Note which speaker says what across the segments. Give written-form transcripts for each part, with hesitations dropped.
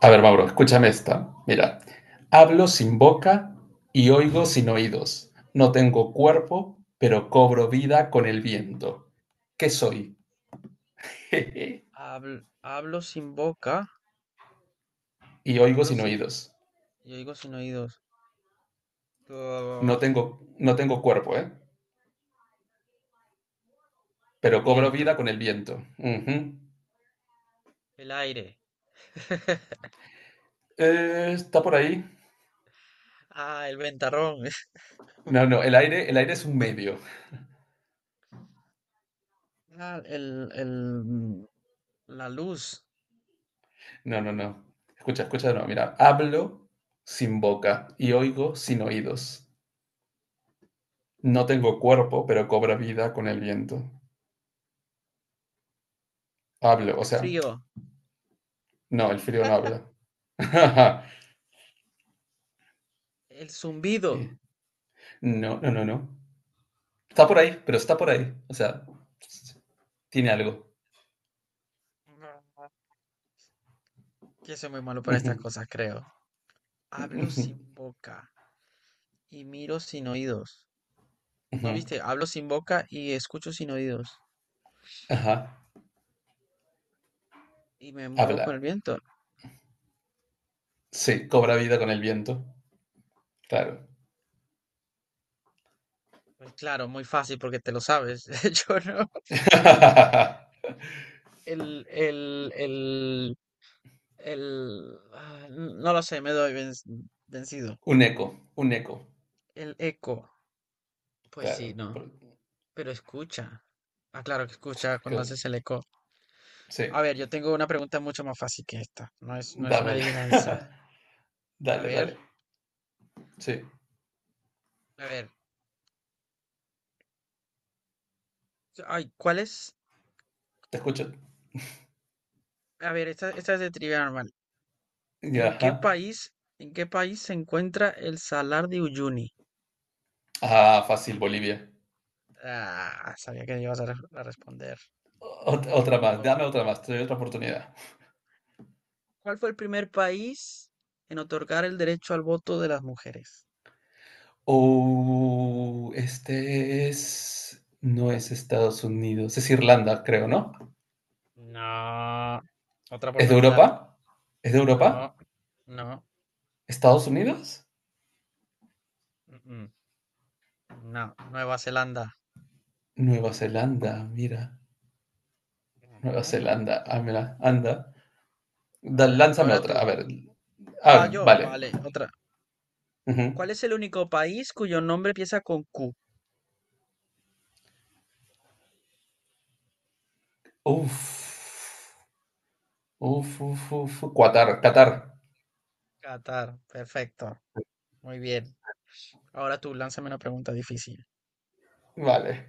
Speaker 1: A ver, Mauro, escúchame esta. Mira, hablo sin boca y oigo sin oídos. No tengo cuerpo, pero cobro vida con el viento. ¿Qué soy?
Speaker 2: Hablo sin boca.
Speaker 1: y oigo
Speaker 2: hablo
Speaker 1: sin
Speaker 2: sin,
Speaker 1: oídos.
Speaker 2: yo digo sin oídos.
Speaker 1: No
Speaker 2: Uf,
Speaker 1: tengo, no tengo cuerpo, ¿eh?
Speaker 2: el
Speaker 1: Pero cobro vida
Speaker 2: viento,
Speaker 1: con el viento. Ujú.
Speaker 2: el aire.
Speaker 1: ¿Está por ahí?
Speaker 2: El ventarrón.
Speaker 1: No, no, el aire es un medio.
Speaker 2: ah, el, el, mm, la luz,
Speaker 1: No, no, no. Escucha, escucha de nuevo. Mira, hablo sin boca y oigo sin oídos. No tengo cuerpo, pero cobro vida con el viento. Hablo, o
Speaker 2: el
Speaker 1: sea,
Speaker 2: frío,
Speaker 1: no, el frío no habla.
Speaker 2: el zumbido.
Speaker 1: Eh, No, no, no, no. Está por ahí, pero está por ahí. O sea, tiene algo.
Speaker 2: No, yo soy muy malo para estas
Speaker 1: Ujú,
Speaker 2: cosas, creo. Hablo
Speaker 1: ujú,
Speaker 2: sin boca y miro sin oídos. ¿No
Speaker 1: ujú.
Speaker 2: viste? Hablo sin boca y escucho sin oídos.
Speaker 1: Ajá.
Speaker 2: Y me muevo con el
Speaker 1: Habla.
Speaker 2: viento.
Speaker 1: Sí, cobra vida con el viento. Claro.
Speaker 2: Pues claro, muy fácil porque te lo sabes. Yo no. El, el, el, no lo sé, me doy vencido.
Speaker 1: Un eco, un eco.
Speaker 2: El eco, pues sí,
Speaker 1: Claro.
Speaker 2: ¿no? Pero escucha. Ah, claro que escucha cuando
Speaker 1: Claro.
Speaker 2: haces el eco.
Speaker 1: Sí,
Speaker 2: A ver, yo tengo una pregunta mucho más fácil que esta. No es una
Speaker 1: dámela.
Speaker 2: adivinanza. A
Speaker 1: Dale, dale.
Speaker 2: ver,
Speaker 1: Sí,
Speaker 2: a ver. Ay, ¿cuál es?
Speaker 1: te escucho.
Speaker 2: A ver, esta es de trivia normal.
Speaker 1: Ya,
Speaker 2: ¿En qué
Speaker 1: ajá.
Speaker 2: país, en qué país se encuentra el Salar de Uyuni?
Speaker 1: Ah, fácil, Bolivia.
Speaker 2: Ah, sabía que ibas a responder.
Speaker 1: Otra
Speaker 2: Voy
Speaker 1: más,
Speaker 2: a
Speaker 1: dame
Speaker 2: buscar.
Speaker 1: otra más, te doy otra oportunidad.
Speaker 2: ¿Cuál fue el primer país en otorgar el derecho al voto de las mujeres?
Speaker 1: Oh, este es no es Estados Unidos, es Irlanda, creo, ¿no?
Speaker 2: No, otra
Speaker 1: ¿Es de
Speaker 2: oportunidad.
Speaker 1: Europa? ¿Es de
Speaker 2: No,
Speaker 1: Europa?
Speaker 2: no,
Speaker 1: ¿Estados Unidos?
Speaker 2: mm, mm, no, Nueva Zelanda.
Speaker 1: Nueva Zelanda, mira. Nueva
Speaker 2: Ujú.
Speaker 1: Zelanda, ah, mira, anda.
Speaker 2: A ver,
Speaker 1: Lánzame
Speaker 2: ahora
Speaker 1: otra, a
Speaker 2: tú.
Speaker 1: ver.
Speaker 2: Ah,
Speaker 1: Ah,
Speaker 2: yo,
Speaker 1: vale.
Speaker 2: vale, otra.
Speaker 1: Ujú.
Speaker 2: ¿Cuál es el único país cuyo nombre empieza con Q?
Speaker 1: Uf. Uf, uf, uf. Qatar, Qatar.
Speaker 2: Qatar, perfecto. Muy bien. Ahora tú, lánzame una pregunta difícil.
Speaker 1: Vale.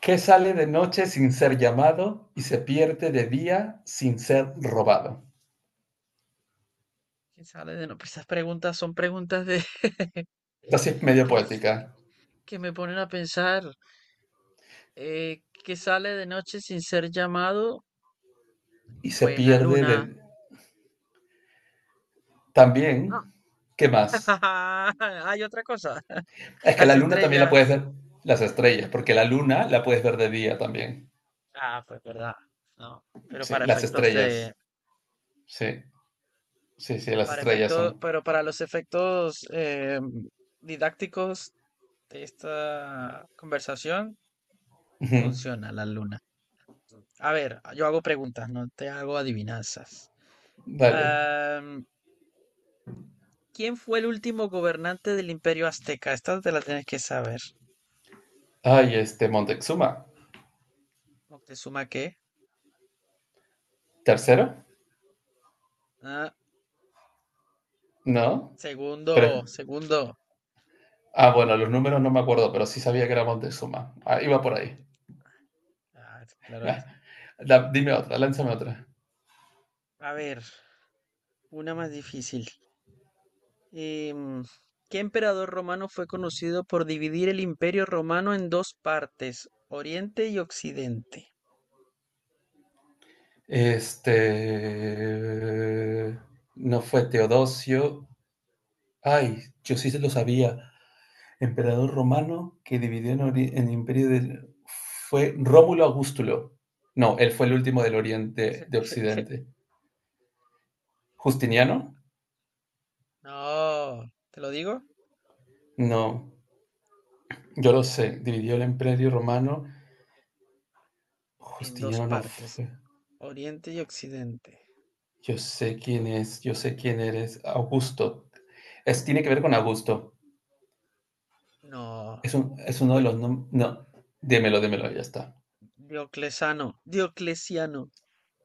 Speaker 1: ¿Qué sale de noche sin ser llamado y se pierde de día sin ser robado?
Speaker 2: ¿Qué sale de no? Esas preguntas son preguntas de
Speaker 1: Esta sí es medio
Speaker 2: que, es-
Speaker 1: poética.
Speaker 2: que me ponen a pensar. ¿Qué sale de noche sin ser llamado?
Speaker 1: Y se
Speaker 2: Pues la
Speaker 1: pierde
Speaker 2: luna.
Speaker 1: de... También, ¿qué más?
Speaker 2: Hay otra cosa.
Speaker 1: Es que
Speaker 2: Las
Speaker 1: la luna también la puedes
Speaker 2: estrellas.
Speaker 1: ver, las estrellas, porque la luna la puedes ver de día también.
Speaker 2: Ah, pues verdad. No, pero
Speaker 1: Sí, las estrellas. Sí, sí, sí, las
Speaker 2: para
Speaker 1: estrellas
Speaker 2: efectos,
Speaker 1: son.
Speaker 2: pero para los efectos didácticos de esta conversación,
Speaker 1: Ujú.
Speaker 2: funciona la luna. A ver, yo hago preguntas, no te hago adivinanzas.
Speaker 1: Dale.
Speaker 2: Am, ¿Quién fue el último gobernante del Imperio Azteca? Esta te la tienes que saber.
Speaker 1: Ay, este Montezuma.
Speaker 2: ¿Moctezuma qué?
Speaker 1: ¿Tercero?
Speaker 2: Ah,
Speaker 1: ¿No? Pero,
Speaker 2: segundo.
Speaker 1: ah, bueno, los números no me acuerdo, pero sí sabía que era Montezuma. Ah, iba por ahí.
Speaker 2: Ah, claro.
Speaker 1: Dime otra, lánzame otra.
Speaker 2: A ver. Una más difícil. Em, ¿Qué emperador romano fue conocido por dividir el imperio romano en dos partes, Oriente y Occidente?
Speaker 1: Este... No fue Teodosio. Ay, yo sí se lo sabía. Emperador romano que dividió en el imperio del... fue Rómulo Augustulo. No, él fue el último del Oriente, de Occidente. ¿Justiniano?
Speaker 2: No, ¿te lo digo?
Speaker 1: No, yo lo sé. Dividió el imperio romano.
Speaker 2: En dos
Speaker 1: Justiniano no
Speaker 2: partes,
Speaker 1: fue.
Speaker 2: Oriente y Occidente.
Speaker 1: Yo sé quién es, yo sé quién eres. Augusto. Es, tiene que ver con Augusto.
Speaker 2: No,
Speaker 1: Es uno de
Speaker 2: pues
Speaker 1: los... No, démelo, démelo, ya está.
Speaker 2: Dioclesano, Dioclesiano.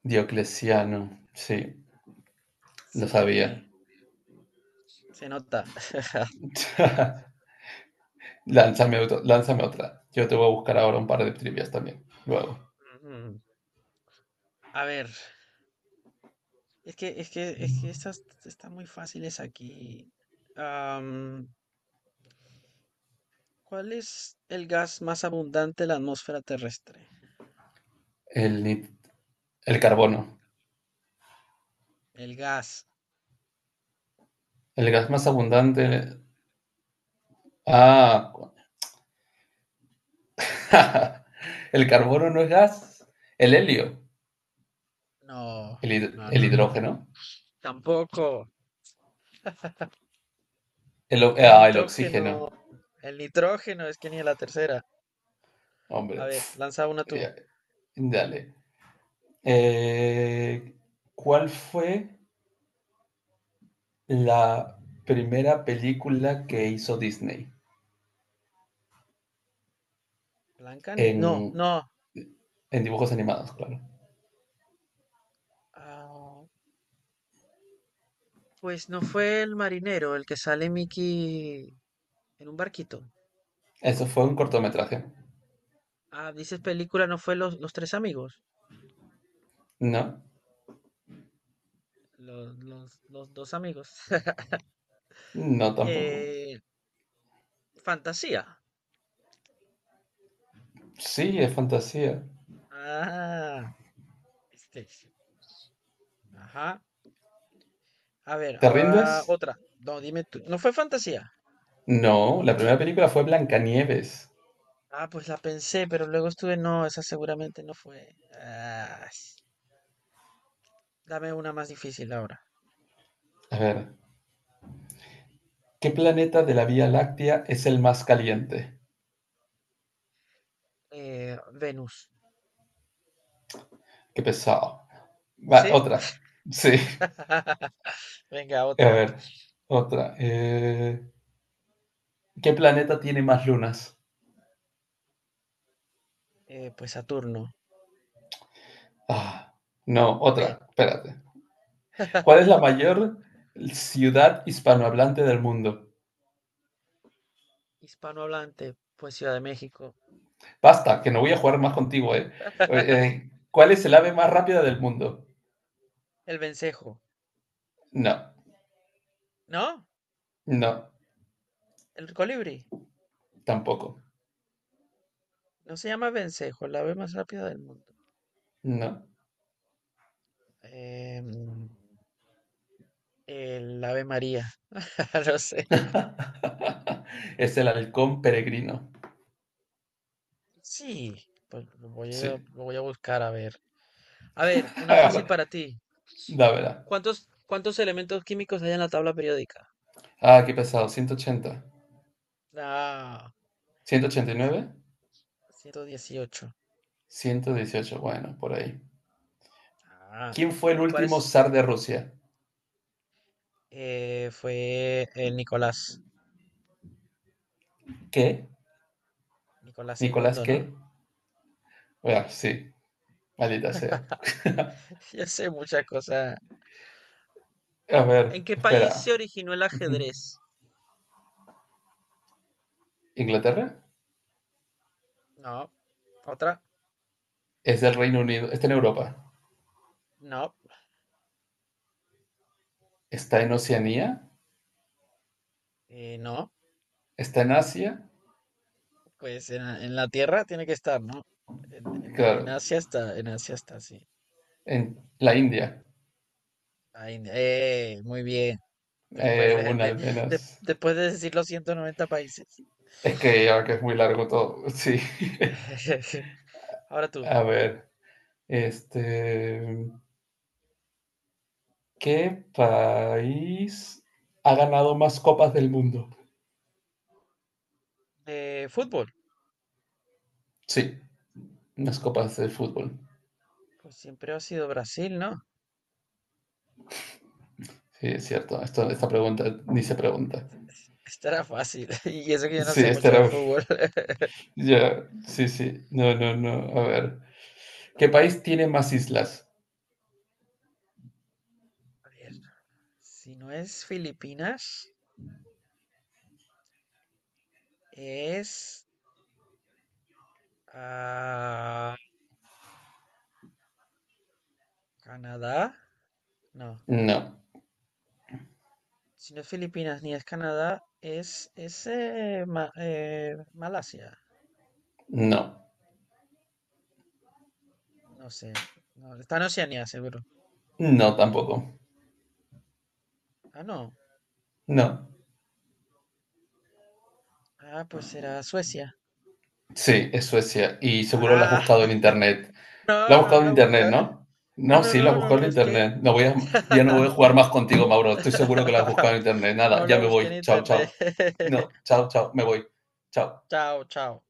Speaker 1: Diocleciano. Sí, lo sabía.
Speaker 2: Sí, se nota.
Speaker 1: Lánzame, lánzame otra. Yo te voy a buscar ahora un par de trivias también. Luego.
Speaker 2: Mm, A ver, es que estas están muy fáciles aquí. ¿Cuál es el gas más abundante en la atmósfera terrestre?
Speaker 1: El, el carbono.
Speaker 2: El gas.
Speaker 1: El gas más abundante. Ah. El carbono no es gas. El helio.
Speaker 2: No,
Speaker 1: El,
Speaker 2: no,
Speaker 1: el
Speaker 2: no.
Speaker 1: hidrógeno.
Speaker 2: Tampoco.
Speaker 1: El,
Speaker 2: El
Speaker 1: ah, el oxígeno.
Speaker 2: nitrógeno. El nitrógeno, es que ni a la tercera. A
Speaker 1: Hombre.
Speaker 2: ver, lanza una tú.
Speaker 1: Ya, dale. Eh, ¿Cuál fue la primera película que hizo Disney?
Speaker 2: Blanca ni. No,
Speaker 1: En,
Speaker 2: no.
Speaker 1: en dibujos animados, claro.
Speaker 2: Ah, pues no fue el marinero el que sale Mickey en un barquito.
Speaker 1: Eso fue un cortometraje,
Speaker 2: Ah, dices película, no fue los tres amigos.
Speaker 1: ¿no?
Speaker 2: Los dos amigos.
Speaker 1: No, tampoco.
Speaker 2: Eh, Fantasía.
Speaker 1: Sí, es fantasía.
Speaker 2: Ah, este. Ajá. A ver,
Speaker 1: ¿Te rindes?
Speaker 2: ahora otra. No, dime tú. ¿No fue fantasía?
Speaker 1: No, la primera película fue Blancanieves.
Speaker 2: Ah, pues la pensé, pero luego estuve. No, esa seguramente no fue. Dame una más difícil ahora.
Speaker 1: A ver, ¿qué planeta de la Vía Láctea es el más caliente?
Speaker 2: Venus.
Speaker 1: Qué pesado. Va,
Speaker 2: ¿Sí?
Speaker 1: otra. Sí,
Speaker 2: Venga,
Speaker 1: a
Speaker 2: otra.
Speaker 1: ver, otra. ¿Qué planeta tiene más lunas?
Speaker 2: Pues Saturno.
Speaker 1: Ah, no,
Speaker 2: También.
Speaker 1: otra. Espérate. ¿Cuál es la mayor ciudad hispanohablante del mundo?
Speaker 2: Hispanohablante, pues Ciudad de México.
Speaker 1: Basta, que no voy a jugar más contigo, ¿eh? ¿Cuál es el ave más rápida del mundo?
Speaker 2: El vencejo.
Speaker 1: No,
Speaker 2: ¿No?
Speaker 1: no,
Speaker 2: El colibrí.
Speaker 1: tampoco.
Speaker 2: No se llama vencejo, el ave más rápida del mundo.
Speaker 1: No.
Speaker 2: Em, el ave María. No sé.
Speaker 1: Es el halcón peregrino.
Speaker 2: Sí, pues
Speaker 1: Sí.
Speaker 2: lo voy a buscar a ver. A ver, una fácil para ti.
Speaker 1: Dámela.
Speaker 2: ¿Cuántos elementos químicos hay en la tabla periódica?
Speaker 1: Ah, qué pesado. Ciento ochenta,
Speaker 2: Ah,
Speaker 1: ciento ochenta y
Speaker 2: cien-
Speaker 1: nueve,
Speaker 2: 118.
Speaker 1: 118. Bueno, por ahí.
Speaker 2: Ah,
Speaker 1: ¿Quién fue el
Speaker 2: ¿y cuál
Speaker 1: último
Speaker 2: es?
Speaker 1: zar de Rusia?
Speaker 2: Eh, fue el Nicolás,
Speaker 1: ¿Qué?
Speaker 2: Nicolás
Speaker 1: ¿Nicolás
Speaker 2: segundo, ¿no?
Speaker 1: qué? Bueno, sí. Maldita sea.
Speaker 2: Ya sé muchas cosas.
Speaker 1: A ver,
Speaker 2: ¿En qué
Speaker 1: espera.
Speaker 2: país se originó el ajedrez?
Speaker 1: ¿Inglaterra?
Speaker 2: No, otra,
Speaker 1: Es del Reino Unido. Está en Europa.
Speaker 2: no,
Speaker 1: Está en Oceanía.
Speaker 2: no,
Speaker 1: Está en Asia.
Speaker 2: pues en la Tierra tiene que estar, ¿no?
Speaker 1: Claro.
Speaker 2: En Asia está, sí.
Speaker 1: En la India.
Speaker 2: Ay, muy bien. Después de,
Speaker 1: Una
Speaker 2: de-
Speaker 1: al menos.
Speaker 2: después de decir los 190 países.
Speaker 1: Es que ya que es muy largo todo, sí.
Speaker 2: Ahora tú.
Speaker 1: A ver, este, ¿qué país ha ganado más copas del mundo?
Speaker 2: Fútbol.
Speaker 1: Sí, más copas de fútbol.
Speaker 2: Pues siempre ha sido Brasil, ¿no?
Speaker 1: Sí, es cierto. Esta pregunta ni se pregunta.
Speaker 2: Estará fácil. Y eso que yo no
Speaker 1: Sí,
Speaker 2: sé
Speaker 1: esta
Speaker 2: mucho de
Speaker 1: era.
Speaker 2: fútbol.
Speaker 1: Ya, sí, sí. No, no, no. A ver. ¿Qué país tiene más islas?
Speaker 2: A ver, si no es Filipinas, es ah, Canadá. No,
Speaker 1: No,
Speaker 2: si no es Filipinas ni es Canadá, es Malasia.
Speaker 1: no,
Speaker 2: No sé. No, está en Oceanía, seguro.
Speaker 1: no tampoco.
Speaker 2: Ah, no.
Speaker 1: No.
Speaker 2: Ah, pues será Suecia.
Speaker 1: Sí, es Suecia. Y seguro lo has
Speaker 2: Ah,
Speaker 1: buscado en internet. Lo
Speaker 2: no,
Speaker 1: has
Speaker 2: no
Speaker 1: buscado en
Speaker 2: la
Speaker 1: internet,
Speaker 2: buscaba.
Speaker 1: ¿no? No, sí, lo has
Speaker 2: No
Speaker 1: buscado
Speaker 2: la
Speaker 1: en
Speaker 2: busqué.
Speaker 1: internet. No voy a, ya no voy a jugar más contigo, Mauro. Estoy seguro que lo has buscado en internet.
Speaker 2: No
Speaker 1: Nada,
Speaker 2: la
Speaker 1: ya me
Speaker 2: busqué en
Speaker 1: voy. Chao,
Speaker 2: internet.
Speaker 1: chao. No, chao, chao. Me voy. Chao.
Speaker 2: Chao, chao.